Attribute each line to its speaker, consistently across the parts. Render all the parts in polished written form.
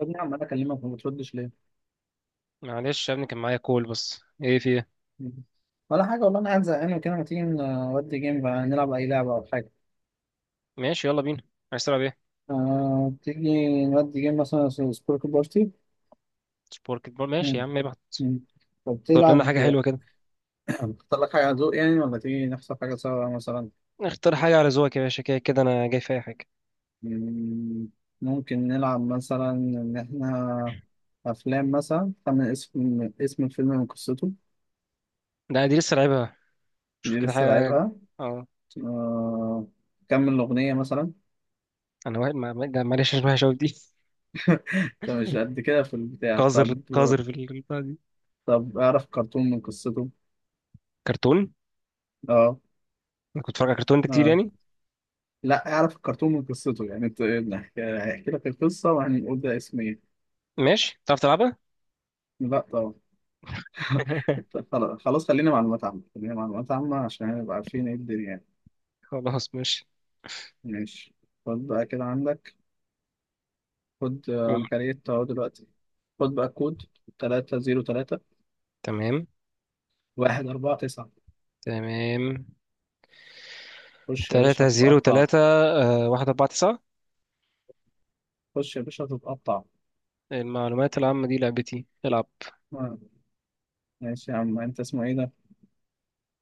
Speaker 1: يا ابني عمال اكلمك وما بتردش ليه؟
Speaker 2: معلش يا ابني، كان معايا كول. بس ايه، في ايه؟
Speaker 1: ولا حاجة والله، أنا قاعد زهقان وكده. ما تيجي نودي جيم بقى نلعب أي لعبة أو حاجة؟
Speaker 2: ماشي، يلا بينا. عايز تلعب ايه؟
Speaker 1: آه، تيجي نودي جيم مثلا سبورك بارتي.
Speaker 2: سبورت بول، ماشي يا
Speaker 1: مم.
Speaker 2: عم، ابعت.
Speaker 1: مم. طب
Speaker 2: اختار لنا
Speaker 1: تلعب.
Speaker 2: حاجه حلوه كده.
Speaker 1: تختار لك حاجة على ذوق يعني، ولا تيجي نختار حاجة سوا مثلا؟
Speaker 2: اختار حاجه على ذوقك يا باشا، كده كده انا جاي في اي حاجه.
Speaker 1: مم. ممكن نلعب مثلا إن إحنا أفلام، مثلا خمن اسم الفيلم من قصته.
Speaker 2: لا، دي لسه لعبها. شوف
Speaker 1: دي
Speaker 2: كده
Speaker 1: لسه
Speaker 2: حاجه.
Speaker 1: لعبها.
Speaker 2: اه.
Speaker 1: آه. كمل الأغنية مثلا.
Speaker 2: انا واحد ده، معلش مش وحشه أوي دي
Speaker 1: أنت مش قد كده في البتاع
Speaker 2: قذر
Speaker 1: طب.
Speaker 2: قذر في البتاع دي.
Speaker 1: طب اعرف كرتون من قصته.
Speaker 2: كرتون.
Speaker 1: اه.
Speaker 2: انا كنت بتفرج على كرتون ده كتير
Speaker 1: اه.
Speaker 2: يعني.
Speaker 1: لا، اعرف الكرتون من قصته يعني انت. هحكي لك القصه وهنقول ده اسم ايه.
Speaker 2: ماشي، تعرف تلعبها؟
Speaker 1: لا طبعا. خلاص خلاص، خلينا معلومات عامه، خلينا معلومات عامه عشان نبقى عارفين ايه الدنيا يعني.
Speaker 2: خلاص، ماشي.
Speaker 1: ماشي. خد بقى كده عندك. خد، انا كريت اهو دلوقتي. خد بقى كود 303
Speaker 2: تمام.
Speaker 1: 149.
Speaker 2: تمام.
Speaker 1: خش يا باشا
Speaker 2: تلاتة زيرو
Speaker 1: هتتقطع.
Speaker 2: تلاتة، واحد أربعة تسعة.
Speaker 1: خش يا باشا هتتقطع.
Speaker 2: المعلومات العامة دي لعبتي، العب.
Speaker 1: آه، ماشي يا عم، انت اسمه ايه ده؟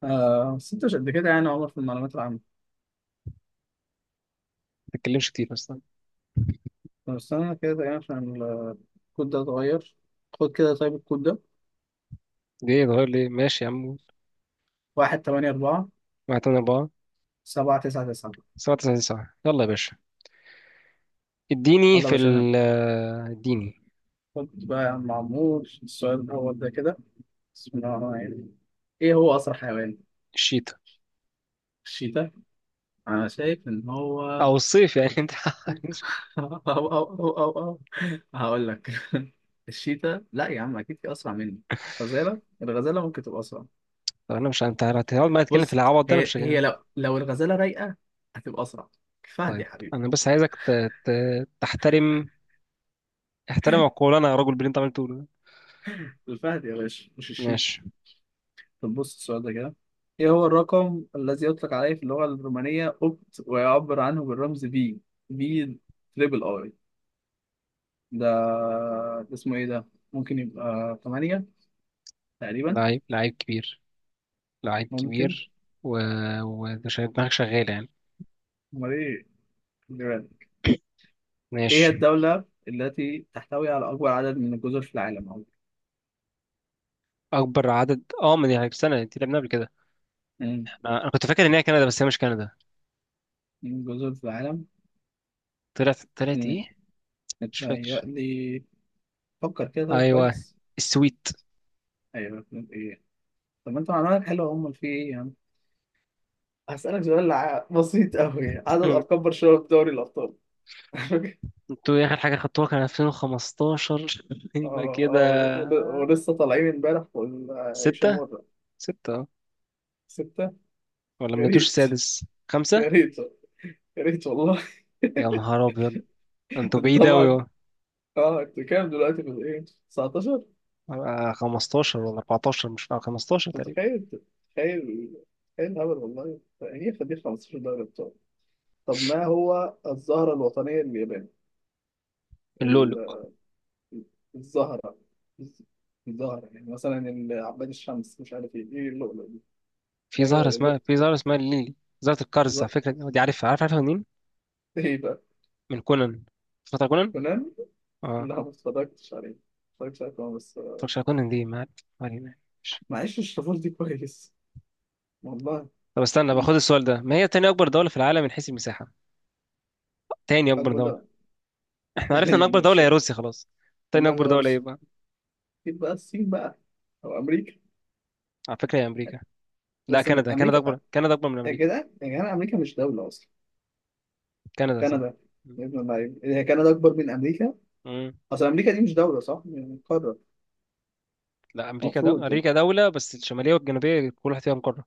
Speaker 1: آه بس انت مش قد كده يعني يا عمر في المعلومات العامة.
Speaker 2: ما تتكلمش كتير بس.
Speaker 1: طب استنى كده دقيقة عشان الكود ده اتغير. خد كده طيب الكود ده
Speaker 2: ليه اتغير؟ ليه؟ ماشي يا عم.
Speaker 1: واحد تمانية أربعة
Speaker 2: واحد تمانية أربعة.
Speaker 1: سبعة تسعة تسعة
Speaker 2: سبعة تسعة تسعة، يلا يا باشا. اديني
Speaker 1: يلا يا
Speaker 2: في
Speaker 1: باشا.
Speaker 2: ال آه، اديني.
Speaker 1: خد بقى يا عم عمور السؤال الأول ده كده: بسم الله الرحمن الرحيم، إيه هو أسرع حيوان؟
Speaker 2: الشتاء.
Speaker 1: الشيتا. أنا شايف إن هو
Speaker 2: أو الصيف يعني أنت!
Speaker 1: أو هقول لك. الشيتا لا يا عم، أكيد في أسرع مني. الغزالة ممكن تبقى أسرع.
Speaker 2: طب أنا مش، أنت هتقعد معايا تتكلم في
Speaker 1: بص،
Speaker 2: العبط ده، أنا
Speaker 1: هي
Speaker 2: مش
Speaker 1: هي
Speaker 2: جاي.
Speaker 1: لو الغزالة رايقة هتبقى أسرع. الفهد يا
Speaker 2: طيب،
Speaker 1: حبيبي.
Speaker 2: أنا بس عايزك ت... تحترم. احترم عقولنا يا راجل باللي أنت عمال تقوله ده.
Speaker 1: الفهد يا باشا مش الشيتا.
Speaker 2: ماشي.
Speaker 1: طب بص السؤال ده كده: ايه هو الرقم الذي يطلق عليه في اللغة الرومانية اوبت ويعبر عنه بالرمز بي؟ بي تريبل اي. ده ده اسمه ايه ده. ممكن يبقى 8 تقريبا.
Speaker 2: لعيب لعيب كبير. لعيب
Speaker 1: ممكن.
Speaker 2: كبير. و ومش دماغك شغالة يعني؟
Speaker 1: امال ايه. خلي بالك. ايه هي
Speaker 2: ماشي.
Speaker 1: الدولة التي تحتوي على اكبر عدد من الجزر في العالم عموما؟
Speaker 2: أكبر عدد، ما دي سنة أنت لعبناها قبل كده.
Speaker 1: مم.
Speaker 2: أنا كنت فاكر إن هي كندا، بس هي مش كندا.
Speaker 1: من الجزر في العالم.
Speaker 2: طلعت
Speaker 1: مم.
Speaker 2: إيه؟ مش فاكر.
Speaker 1: متهيألي. فكر كده طيب،
Speaker 2: ايوه،
Speaker 1: كويس.
Speaker 2: السويت.
Speaker 1: ايوه. ايه. طب ما انت معلوماتك حلوة، امال في ايه. هسألك سؤال بسيط قوي: عدد
Speaker 2: مم.
Speaker 1: ألقاب برشلونة في دوري الأبطال.
Speaker 2: انتوا ايه اخر حاجه خدتوها؟ كان 2015 يبقى
Speaker 1: اه.
Speaker 2: كده.
Speaker 1: اه. ولسه طالعين امبارح والعيشة
Speaker 2: ستة.
Speaker 1: مرة.
Speaker 2: ستة، اه.
Speaker 1: ستة.
Speaker 2: ولا
Speaker 1: يا
Speaker 2: مجبتوش
Speaker 1: ريت،
Speaker 2: السادس؟
Speaker 1: يا
Speaker 2: خمسة؟
Speaker 1: ريت، يا ريت والله.
Speaker 2: يا نهار ابيض. انتوا بعيد
Speaker 1: طبعا.
Speaker 2: اوي.
Speaker 1: اه، انتوا كام دلوقتي في الايه، 19؟
Speaker 2: اه، 15 ولا 14، مش فاهم، 15 تقريبا.
Speaker 1: متخيل، تخيل، تخيل الهبل والله، يعني ياخد ليه 15 دوري ابطال. طب ما هو الزهرة الوطنية لليابان؟
Speaker 2: اللولو.
Speaker 1: ال- الزهرة. الزهرة يعني مثلا عباد الشمس، مش عارف ايه اللؤلؤ.
Speaker 2: في
Speaker 1: لا كده
Speaker 2: زهرة
Speaker 1: لا.
Speaker 2: اسمها في زهرة اسمها الليلي. زهرة القرز على
Speaker 1: لا.
Speaker 2: فكرة دي عارفها، عارفها منين؟
Speaker 1: ايه بقى.
Speaker 2: من كونان. فترة كونان؟
Speaker 1: كونان.
Speaker 2: اه.
Speaker 1: لا ما اتفرجتش عليه، ما اتفرجتش عليه كمان بس.
Speaker 2: متفرجش على كونان دي، ما عارف. ما علينا. ماشي.
Speaker 1: ما عشتش الطفولة دي كويس والله.
Speaker 2: طب استنى، باخد السؤال ده. ما هي تاني أكبر دولة في العالم من حيث المساحة؟ تاني أكبر.
Speaker 1: اكبر لا.
Speaker 2: احنا عرفنا ان
Speaker 1: طيب
Speaker 2: اكبر دولة
Speaker 1: مش
Speaker 2: هي روسيا خلاص. تاني
Speaker 1: اكبر
Speaker 2: اكبر
Speaker 1: لا
Speaker 2: دولة ايه
Speaker 1: بس.
Speaker 2: بقى؟
Speaker 1: اكيد بقى الصين بقى، او امريكا.
Speaker 2: على فكرة هي امريكا. لا،
Speaker 1: بس من
Speaker 2: كندا، كندا
Speaker 1: امريكا.
Speaker 2: اكبر، كندا اكبر من
Speaker 1: يا
Speaker 2: امريكا.
Speaker 1: جدع يا جدع، امريكا مش دولة اصلا.
Speaker 2: كندا صح.
Speaker 1: كندا. يا ابن اللعيب، هي كندا اكبر من امريكا.
Speaker 2: امم.
Speaker 1: اصل امريكا دي مش دولة، صح يعني، قارة.
Speaker 2: لا،
Speaker 1: المفروض يعني.
Speaker 2: امريكا دولة، بس الشمالية والجنوبية كل واحد فيها مقرة.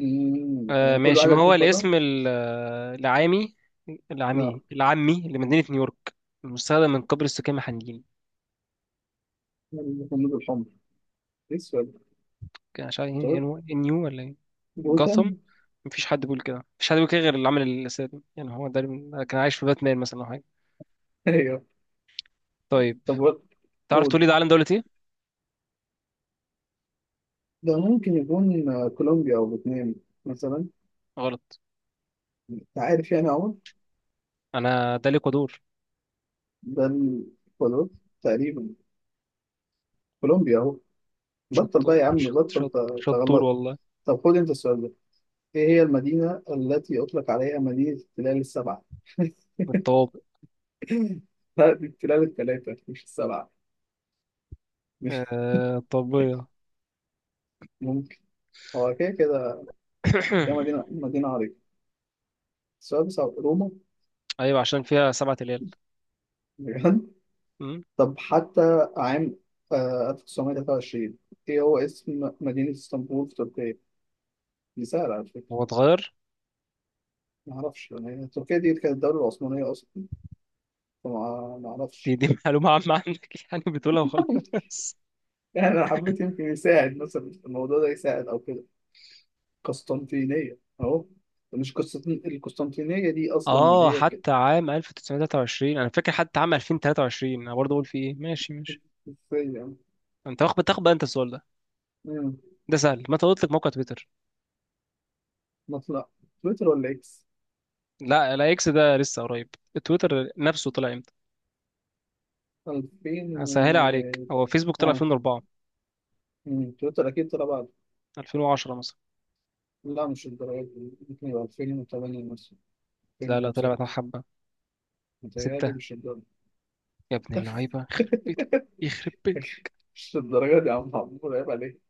Speaker 2: آه
Speaker 1: يعني كل
Speaker 2: ماشي.
Speaker 1: واحدة
Speaker 2: ما هو
Speaker 1: فيهم قارة.
Speaker 2: الاسم العامي
Speaker 1: لا.
Speaker 2: العامي لمدينة نيويورك المستخدم من قبل السكان المحليين؟
Speaker 1: الخندق الحمر. ايه السؤال
Speaker 2: كان مش عارف ايه،
Speaker 1: ده؟
Speaker 2: نيو نيو ولا ايه؟ جاثم.
Speaker 1: جوثام.
Speaker 2: مفيش حد بيقول كده، مفيش حد بيقول كده غير اللي عمل الاسد يعني. هو ده كان عايش في باتمان مثلا او حاجة.
Speaker 1: ايوه.
Speaker 2: طيب.
Speaker 1: طب
Speaker 2: تعرف تقول
Speaker 1: قول.
Speaker 2: لي ده علم دولة ايه؟
Speaker 1: ده ممكن يكون كولومبيا أو فيتنام مثلا.
Speaker 2: غلط.
Speaker 1: أنت عارف يعني أهو.
Speaker 2: انا ده ليكودور.
Speaker 1: ده الحدود تقريبا. كولومبيا أهو. بطل بقى
Speaker 2: شطور،
Speaker 1: يا عم،
Speaker 2: شط
Speaker 1: بطل
Speaker 2: شط شطور
Speaker 1: تغلط.
Speaker 2: والله.
Speaker 1: طب خد أنت السؤال ده: إيه هي المدينة التي أطلق عليها مدينة التلال السبعة؟
Speaker 2: الطوابق.
Speaker 1: لا دي التلال التلاتة مش السبعة. مش
Speaker 2: آه، الطبية.
Speaker 1: ممكن. هو كده كده. هي مدينة مدينة عريقة. السؤال بصعب. روما.
Speaker 2: ايوه، عشان فيها سبعة ليال.
Speaker 1: بجد.
Speaker 2: أمم.
Speaker 1: طب حتى عام 1923، إيه هو اسم مدينة اسطنبول في تركيا؟ دي سهلة على
Speaker 2: هو
Speaker 1: فكرة.
Speaker 2: اتغير.
Speaker 1: ما أعرفش، يعني تركيا دي كانت الدولة العثمانية أصلا، ما
Speaker 2: دي
Speaker 1: أعرفش.
Speaker 2: دي معلومة عامة عندك، يعني بتقولها وخلاص.
Speaker 1: يعني أنا حبيت يمكن يساعد مثلا الموضوع ده يساعد أو كده. قسطنطينية أهو. مش القسطنطينية دي أصلا
Speaker 2: اه،
Speaker 1: هي كده.
Speaker 2: حتى عام 1923 انا فاكر، حتى عام 2023 انا برضه اقول في ايه، ماشي ماشي.
Speaker 1: إزاي يعني.
Speaker 2: انت بتاخد بقى انت السؤال ده.
Speaker 1: مم.
Speaker 2: ده سهل، متى اطلق موقع تويتر؟
Speaker 1: مطلع تويتر ولا إكس؟
Speaker 2: لا لا، اكس ده لسه قريب. تويتر نفسه طلع امتى؟
Speaker 1: 2000
Speaker 2: هسهلها عليك،
Speaker 1: و...
Speaker 2: هو فيسبوك طلع
Speaker 1: آه
Speaker 2: 2004.
Speaker 1: تويتر أكيد طلع بعد.
Speaker 2: 2010 مثلا؟
Speaker 1: لا مش الدرجة دي، ممكن يبقى 2008 مثلا.
Speaker 2: لا لا، طلع
Speaker 1: 2006.
Speaker 2: بعد حبة.
Speaker 1: متهيألي
Speaker 2: ستة.
Speaker 1: مش الدرجة.
Speaker 2: يا ابن اللعيبة، يخرب بيتك. يخرب بيتك.
Speaker 1: مش الدرجة دي يا عم عمور، عيب عليك.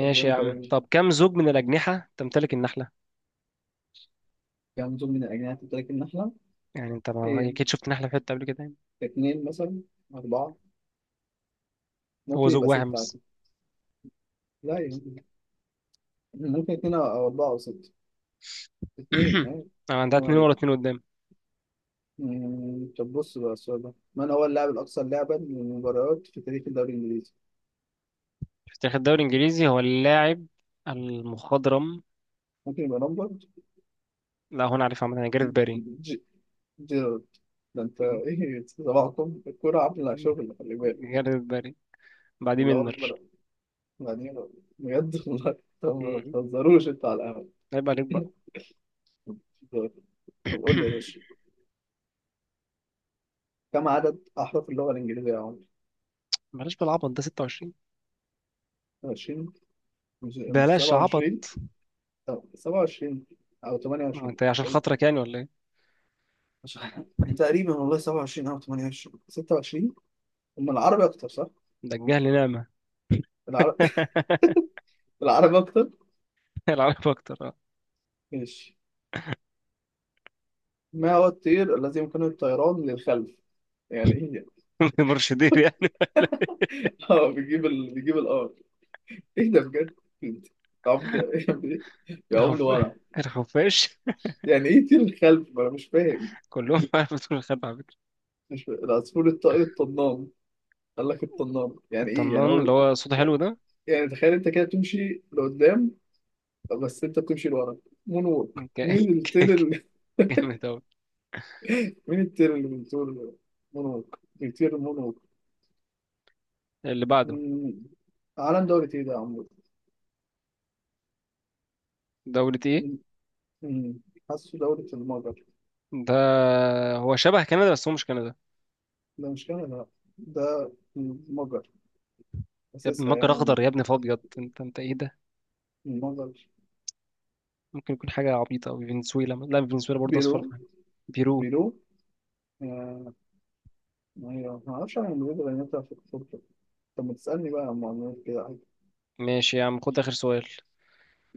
Speaker 1: طب وانا
Speaker 2: يا عم.
Speaker 1: كمان
Speaker 2: طب كم زوج من الأجنحة تمتلك النحلة؟
Speaker 1: كام دول من الأجنحة بتاكل النحلة؟
Speaker 2: يعني أنت، ما
Speaker 1: إيه؟
Speaker 2: أكيد شفت نحلة في حتة قبل كده يعني.
Speaker 1: اتنين مثلا؟ أربعة؟
Speaker 2: هو
Speaker 1: ممكن
Speaker 2: زوج
Speaker 1: يبقى
Speaker 2: واحد
Speaker 1: ستة
Speaker 2: بس.
Speaker 1: عادي. لا يعني ممكن اتنين أو أربعة أو ستة. اتنين أيوة.
Speaker 2: أو عندها
Speaker 1: السلام
Speaker 2: اتنين ورا
Speaker 1: عليكم.
Speaker 2: اتنين قدام.
Speaker 1: طب بص بقى السؤال ده: من هو اللاعب الأكثر لعبا للمباريات في تاريخ الدوري الإنجليزي؟
Speaker 2: في تاريخ الدوري الإنجليزي، هو اللاعب المخضرم.
Speaker 1: ممكن يبقى لامبرد؟
Speaker 2: لا، هو أنا عارف عامة، أنا جاريث باري.
Speaker 1: ج- جيرارد. ده أنت إيه، صباحكم الكورة عاملة شغل، خلي بالك.
Speaker 2: جاريث باري. بعديه
Speaker 1: الله
Speaker 2: ميلنر.
Speaker 1: أكبر، يعني بجد والله. طب ما
Speaker 2: م-
Speaker 1: تهزروش أنتوا على
Speaker 2: عيب عليك بقى.
Speaker 1: القهوة. طب قول لي يا باشا: كم عدد أحرف اللغة الإنجليزية يا عمر؟
Speaker 2: بلاش بالعبط ده، 26.
Speaker 1: 20. مش
Speaker 2: بلاش عبط.
Speaker 1: 27، أو 27 أو
Speaker 2: هو
Speaker 1: 28
Speaker 2: أنت عشان
Speaker 1: أي.
Speaker 2: خاطرك يعني ولا إيه؟
Speaker 1: مش عارف. تقريبا والله 27 أو 28، 26. أما العربي أكتر صح؟
Speaker 2: ده الجهل نعمة.
Speaker 1: العربي. العربي أكتر.
Speaker 2: العب أكتر آه.
Speaker 1: ماشي. ما هو الطير الذي يمكنه الطيران للخلف؟ يعني إيه يعني؟
Speaker 2: مرشدين يعني.
Speaker 1: أه، بيجيب بيجيب الأرض. إيه ده بجد؟ أنت عمك يا عمر،
Speaker 2: الخف...
Speaker 1: وأنا
Speaker 2: الخفاش.
Speaker 1: يعني إيه طير الخلف؟ ما أنا مش فاهم.
Speaker 2: كلهم معايا في دور الخلف على فكرة.
Speaker 1: مش فاهم. العصفور الطائر الطنان. قال لك الطنان، يعني ايه يعني
Speaker 2: الطنان اللي
Speaker 1: هو.
Speaker 2: هو صوته حلو
Speaker 1: يعني،
Speaker 2: ده.
Speaker 1: يعني تخيل انت كده تمشي لقدام، بس انت بتمشي لورا. مون ووك، مين
Speaker 2: ك-
Speaker 1: الطير اللي
Speaker 2: ك-
Speaker 1: بيطير
Speaker 2: جامد أوي.
Speaker 1: مين الطير اللي بيطير مون ووك. بيطير مون ووك.
Speaker 2: اللي بعده.
Speaker 1: مم. عالم دولة ايه ده يا عمرو؟
Speaker 2: دولة ايه؟
Speaker 1: مم. مم. حاسه دولة المجر.
Speaker 2: ده، هو شبه كندا بس هو مش كندا.
Speaker 1: ده مش كندا. ده المجر
Speaker 2: يا ابني
Speaker 1: أساسها
Speaker 2: مجر
Speaker 1: يعني.
Speaker 2: أخضر يا ابني، فأبيض، انت ايه ده؟
Speaker 1: المجر.
Speaker 2: ممكن يكون حاجة عبيطة أوي، فنزويلا، لا فنزويلا برضه أصفر.
Speaker 1: بيرو.
Speaker 2: بيرو.
Speaker 1: بيرو. آه، ما أعرفش عن المجر، لأن أنت في الخطة. طب ما تسألني بقى عن معلومات كده.
Speaker 2: ماشي يا عم، خد آخر سؤال.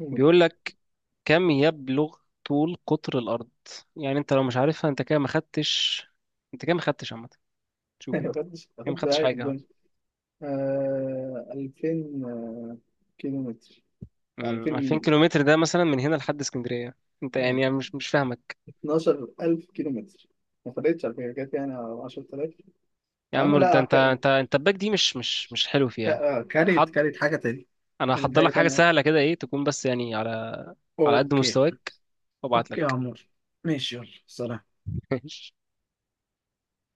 Speaker 1: عادي.
Speaker 2: بيقول لك، كم يبلغ طول قطر الأرض؟ يعني انت لو مش عارفها انت كده ما خدتش. انت كده ما خدتش عامة. شوف انت.
Speaker 1: خدتش
Speaker 2: كده ما
Speaker 1: خدت
Speaker 2: خدتش
Speaker 1: حاجة في
Speaker 2: حاجة.
Speaker 1: الدنيا. 2000 كيلو متر. 2000
Speaker 2: 2000
Speaker 1: ميل.
Speaker 2: كيلومتر، ده مثلا من هنا لحد اسكندريه. انت
Speaker 1: تمام.
Speaker 2: يعني، أنا مش فاهمك.
Speaker 1: 12000 كيلو متر. ما فرقتش على فكرة، جت يعني 10000.
Speaker 2: يا
Speaker 1: يا
Speaker 2: عم،
Speaker 1: عم
Speaker 2: انت
Speaker 1: لا،
Speaker 2: انت انت انت الباك دي مش حلو فيها.
Speaker 1: كاريت،
Speaker 2: حض
Speaker 1: كاريت حاجة تانية.
Speaker 2: انا
Speaker 1: كاريت
Speaker 2: هحضر لك
Speaker 1: حاجة
Speaker 2: حاجه
Speaker 1: تانية.
Speaker 2: سهله كده، ايه تكون بس يعني، على قد
Speaker 1: أوكي.
Speaker 2: مستواك. وابعت
Speaker 1: أوكي يا
Speaker 2: لك
Speaker 1: عمور. ماشي يلا سلام.